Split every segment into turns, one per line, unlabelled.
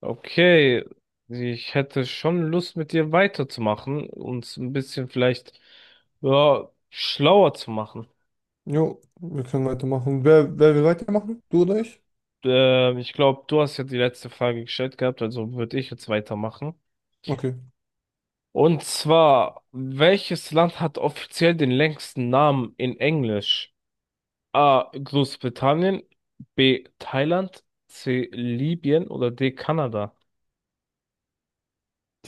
Okay, ich hätte schon Lust, mit dir weiterzumachen, uns ein bisschen vielleicht ja, schlauer zu machen.
Jo, wir können weitermachen. Wer will weitermachen? Du oder ich?
Ich glaube, du hast ja die letzte Frage gestellt gehabt, also würde ich jetzt weitermachen.
Okay.
Und zwar, welches Land hat offiziell den längsten Namen in Englisch? A. Großbritannien, B. Thailand, C. Libyen oder D. Kanada?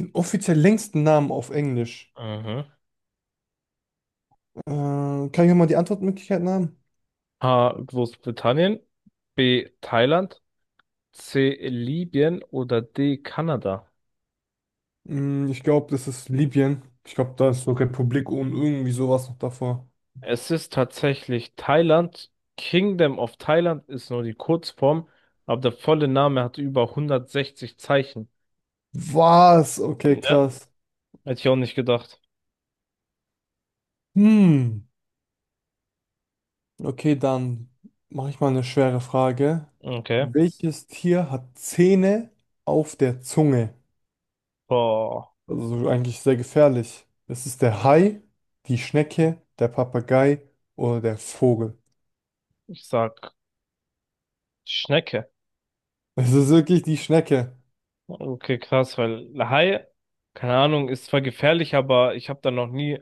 Den offiziell längsten Namen auf Englisch.
Mhm.
Kann ich mir mal die Antwortmöglichkeiten haben?
A. Großbritannien, B. Thailand. C. Libyen oder D. Kanada?
Ich glaube, das ist Libyen. Ich glaube, da ist so Republik und irgendwie sowas noch davor.
Es ist tatsächlich Thailand. Kingdom of Thailand ist nur die Kurzform, aber der volle Name hat über 160 Zeichen.
Was? Okay,
Ja,
krass.
hätte ich auch nicht gedacht.
Hm. Okay, dann mache ich mal eine schwere Frage.
Okay.
Welches Tier hat Zähne auf der Zunge?
Boah,
Also so eigentlich sehr gefährlich. Es ist der Hai, die Schnecke, der Papagei oder der Vogel.
ich sag Schnecke.
Es ist wirklich die Schnecke.
Okay, krass, weil Hai, keine Ahnung, ist zwar gefährlich, aber ich habe da noch nie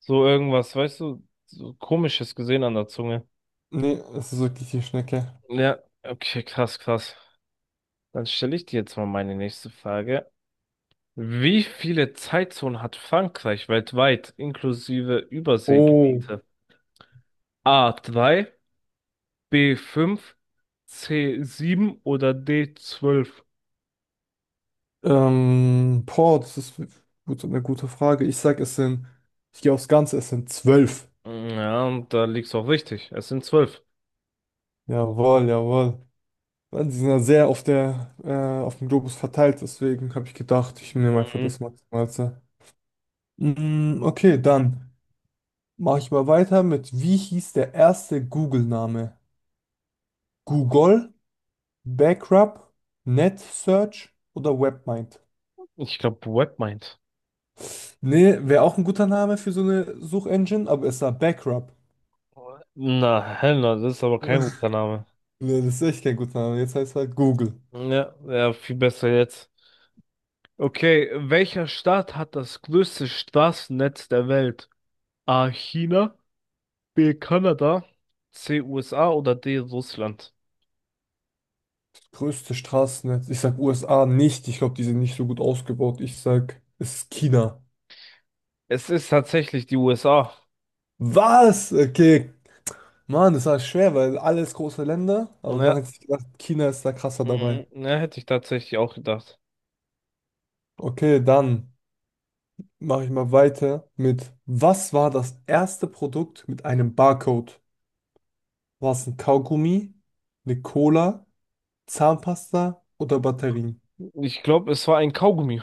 so irgendwas, weißt du, so Komisches gesehen an der Zunge.
Nee, es ist wirklich die Schnecke.
Ja, okay, krass, krass. Dann stelle ich dir jetzt mal meine nächste Frage. Wie viele Zeitzonen hat Frankreich weltweit, inklusive
Oh.
Überseegebiete? A3, b fünf, c sieben oder d zwölf?
Boah, das ist gut, eine gute Frage. Ich sag, es sind, ich gehe aufs Ganze, es sind zwölf.
Ja, und da liegt's auch richtig. Es sind zwölf.
Jawohl, jawohl. Mann, die sind ja sehr auf dem Globus verteilt, deswegen habe ich gedacht, ich nehme einfach
Mhm.
das Maximalste. Okay, dann mache ich mal weiter mit, wie hieß der erste Google-Name? Google, Backrub, NetSearch oder Webmind.
Ich glaube, Webmind.
Nee, wäre auch ein guter Name für so eine Suchengine, aber es war Backrub.
Na, Hellner, das ist aber kein guter Name.
Nee, das ist echt kein guter Name. Jetzt heißt es halt Google.
Ja, ja, viel besser jetzt. Okay, welcher Staat hat das größte Straßennetz der Welt? A. China, B. Kanada, C. USA oder D. Russland?
Größte Straßennetz. Ich sag USA nicht. Ich glaube, die sind nicht so gut ausgebaut. Ich sag, es ist China.
Es ist tatsächlich die USA.
Was? Okay. Mann, das war schwer, weil alles große Länder. Aber dann
Ja,
hätte ich gedacht, China ist da krasser dabei.
Mhm. Ja, hätte ich tatsächlich auch gedacht.
Okay, dann mache ich mal weiter mit, was war das erste Produkt mit einem Barcode? War es ein Kaugummi, eine Cola, Zahnpasta oder Batterien?
Ich glaube, es war ein Kaugummi.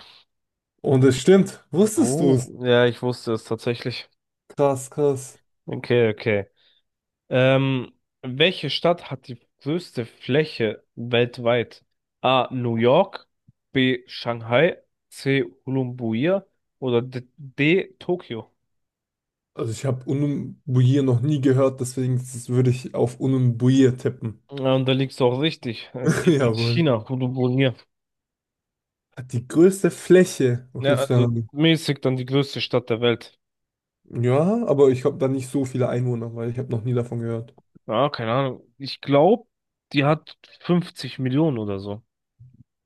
Und es stimmt, wusstest du
Oh,
es?
ja, ich wusste es tatsächlich.
Krass, krass.
Okay, okay. Ähm, welche Stadt hat die größte Fläche weltweit? A. New York, B. Shanghai, C. Ulaanbaatar oder D. D Tokio?
Also ich habe Unumbuier noch nie gehört, deswegen würde ich auf Unumbuier tippen.
Ja, und da liegst du auch richtig. Es liegt in
Jawohl.
China, Ulaanbaatar.
Hat die größte Fläche. Okay,
Ja,
das wär
also
dann-
mäßig dann die größte Stadt der Welt.
ja, aber ich habe da nicht so viele Einwohner, weil ich habe noch nie davon gehört.
Ja, keine Ahnung. Ich glaube, die hat 50 Millionen oder so.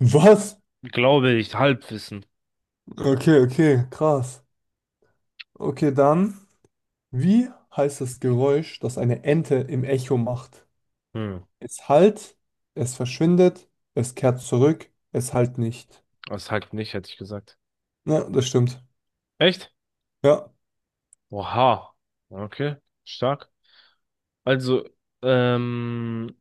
Was?
Glaube ich, Halbwissen.
Okay, okay, krass. Okay, dann. Wie heißt das Geräusch, das eine Ente im Echo macht?
Hm,
Es halt, es verschwindet, es kehrt zurück, es halt nicht.
das halt nicht, hätte ich gesagt.
Ja, das stimmt.
Echt?
Ja,
Oha. Okay, stark. Also, ähm,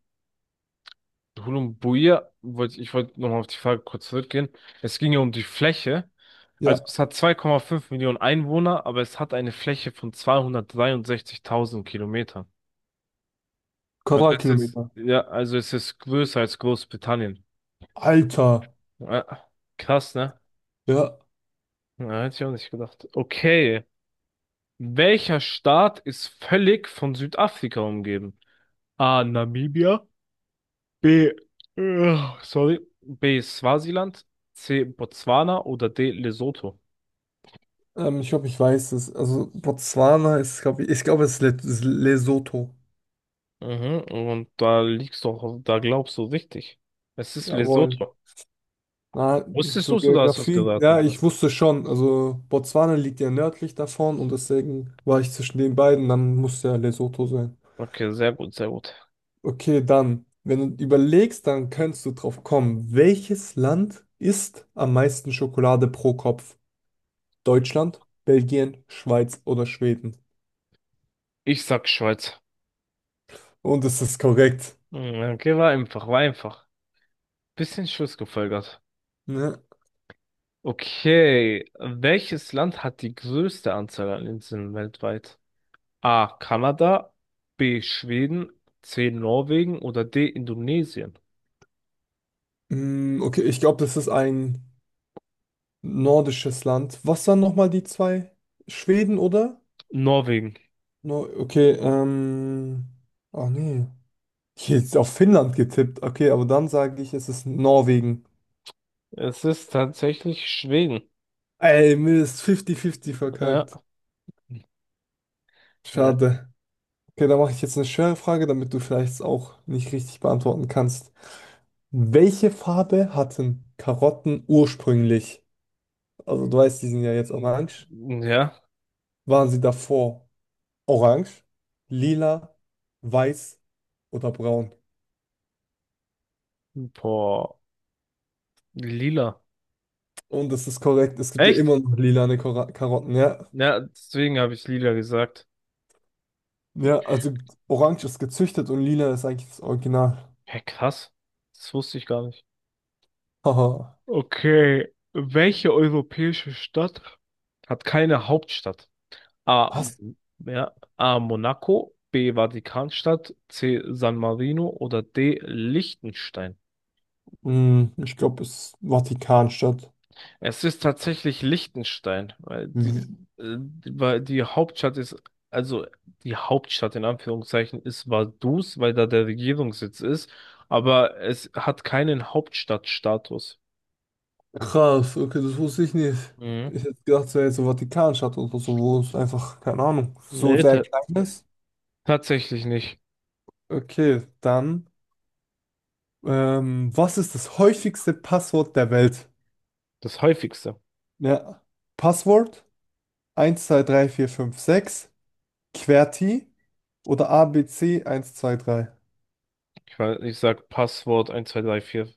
Hulumbuir, wollte ich wollte nochmal auf die Frage kurz zurückgehen. Es ging ja um die Fläche. Also,
ja.
es hat 2,5 Millionen Einwohner, aber es hat eine Fläche von 263.000 Kilometern. Also, es ist,
Quadratkilometer.
ja, also es ist größer als Großbritannien.
Alter.
Ja, krass, ne?
Ja.
Ja, hätte ich auch nicht gedacht. Okay. Welcher Staat ist völlig von Südafrika umgeben? A. Namibia. B. Äh, sorry. B. Swasiland. C. Botswana oder D. Lesotho.
Ich glaube, ich weiß es. Also Botswana ist, glaube ich, ich glaube, es ist es ist Lesotho.
Mhm, und da liegst du, auch- da glaubst du richtig. Es ist
Jawohl.
Lesotho.
Na,
Wusstest du
zur
es oder hast du es
Geografie. Ja,
geraten?
ich wusste schon. Also Botswana liegt ja nördlich davon und deswegen war ich zwischen den beiden. Dann muss ja Lesotho sein.
Okay, sehr gut, sehr gut.
Okay, dann, wenn du überlegst, dann kannst du drauf kommen. Welches Land isst am meisten Schokolade pro Kopf? Deutschland, Belgien, Schweiz oder Schweden?
Ich sag Schweiz.
Und es ist korrekt.
Mhm. Okay, war einfach, war einfach. Bisschen Schuss gefolgert.
Ne?
Okay, welches Land hat die größte Anzahl an Inseln weltweit? A. Kanada, B. Schweden, C. Norwegen oder D. Indonesien?
Okay, ich glaube, das ist ein nordisches Land. Was waren nochmal die zwei? Schweden, oder?
Norwegen.
No, okay. Ach nee. Hier jetzt auf Finnland getippt. Okay, aber dann sage ich, es ist Norwegen.
Es ist tatsächlich Schweden.
Ey, Mist, 50-50 verkackt.
Ja. Ja.
Schade. Okay, da mache ich jetzt eine schwere Frage, damit du vielleicht auch nicht richtig beantworten kannst. Welche Farbe hatten Karotten ursprünglich? Also du weißt, die sind ja jetzt orange.
Ja.
Waren sie davor orange, lila, weiß oder braun?
Boah. Lila.
Und das ist korrekt, es gibt ja
Echt?
immer noch lilane Karotten, ja.
Ja, deswegen habe ich lila gesagt.
Ja, also orange ist gezüchtet und lila ist eigentlich das Original.
Hä, krass. Das wusste ich gar nicht.
Haha.
Okay, welche europäische Stadt hat keine Hauptstadt? A,
Was?
Ja, A, Monaco, B, Vatikanstadt, C, San Marino oder D, Liechtenstein.
Hm, ich glaube, es ist Vatikanstadt.
Es ist tatsächlich Liechtenstein, weil weil die Hauptstadt ist, also die Hauptstadt in Anführungszeichen ist Vaduz, weil da der Regierungssitz ist, aber es hat keinen Hauptstadtstatus.
Krass, okay, das wusste ich nicht.
Mhm.
Ich hätte gedacht, es wäre jetzt so Vatikanstadt oder so, wo es einfach, keine Ahnung, so
Nee,
sehr
ta
klein ist.
tatsächlich nicht.
Okay, dann, was ist das häufigste Passwort der Welt?
Das häufigste.
Ja, Passwort 1, 2, 3, 4, 5, 6, QWERTY oder ABC 1, 2, 3.
Ich meine, ich sag Passwort 1, zwei drei vier.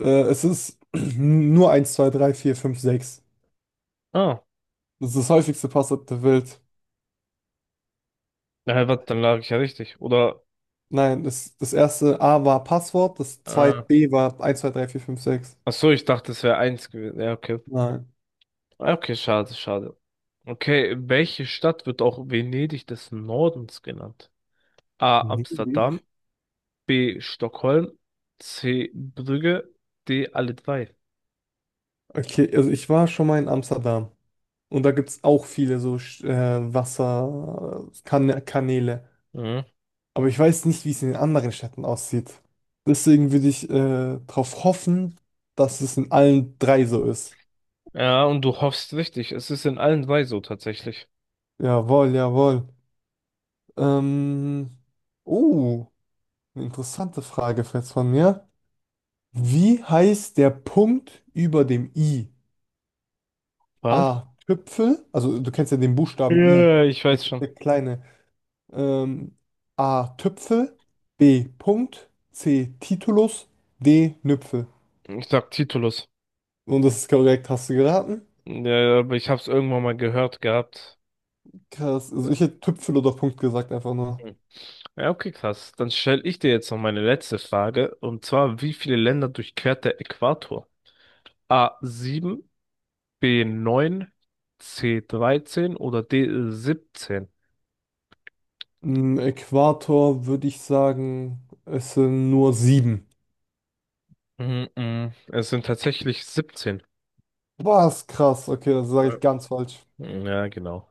Es ist nur 1, 2, 3, 4, 5, 6.
Ah,
Das ist das häufigste Passwort der Welt.
na, ja, was dann lag ich ja richtig. Oder?
Nein, das erste A war Passwort, das zweite
Ah.
B war 1, 2, 3, 4, 5, 6.
Ach so, ich dachte, es wäre eins gewesen. Ja, okay.
Nein.
Ah, okay, schade, schade. Okay, welche Stadt wird auch Venedig des Nordens genannt? A.
Venedig?
Amsterdam, B. Stockholm, C. Brügge, D. Alle drei.
Okay, also ich war schon mal in Amsterdam und da gibt es auch viele so Wasserkanäle.
Mhm.
Aber ich weiß nicht, wie es in den anderen Städten aussieht. Deswegen würde ich darauf hoffen, dass es in allen drei so ist.
Ja, und du hoffst richtig. Es ist in allen drei so tatsächlich.
Jawohl, jawohl. Ähm, oh, eine interessante Frage jetzt von mir. Wie heißt der Punkt über dem I?
Was?
A. Tüpfel, also du kennst ja den
Ja,
Buchstaben
ja,
I,
ja, ich
der,
weiß schon.
der kleine. Ähm, A. Tüpfel, B. Punkt, C. Titulus, D. Nüpfel.
Ich sag Titulus.
Und das ist korrekt, hast du geraten?
Ja, ja, aber ich hab's irgendwann mal gehört gehabt.
Krass,
Ja.
also ich hätte Tüpfel oder Punkt gesagt, einfach nur.
Ja, okay, krass. Dann stelle ich dir jetzt noch meine letzte Frage. Und zwar, wie viele Länder durchquert der Äquator? A sieben, b neun, c dreizehn oder d siebzehn?
Im Äquator würde ich sagen, es sind nur sieben.
Mhm, mhm. Es sind tatsächlich siebzehn.
Was krass, okay, das sage
Ja,
ich ganz falsch.
ja, genau.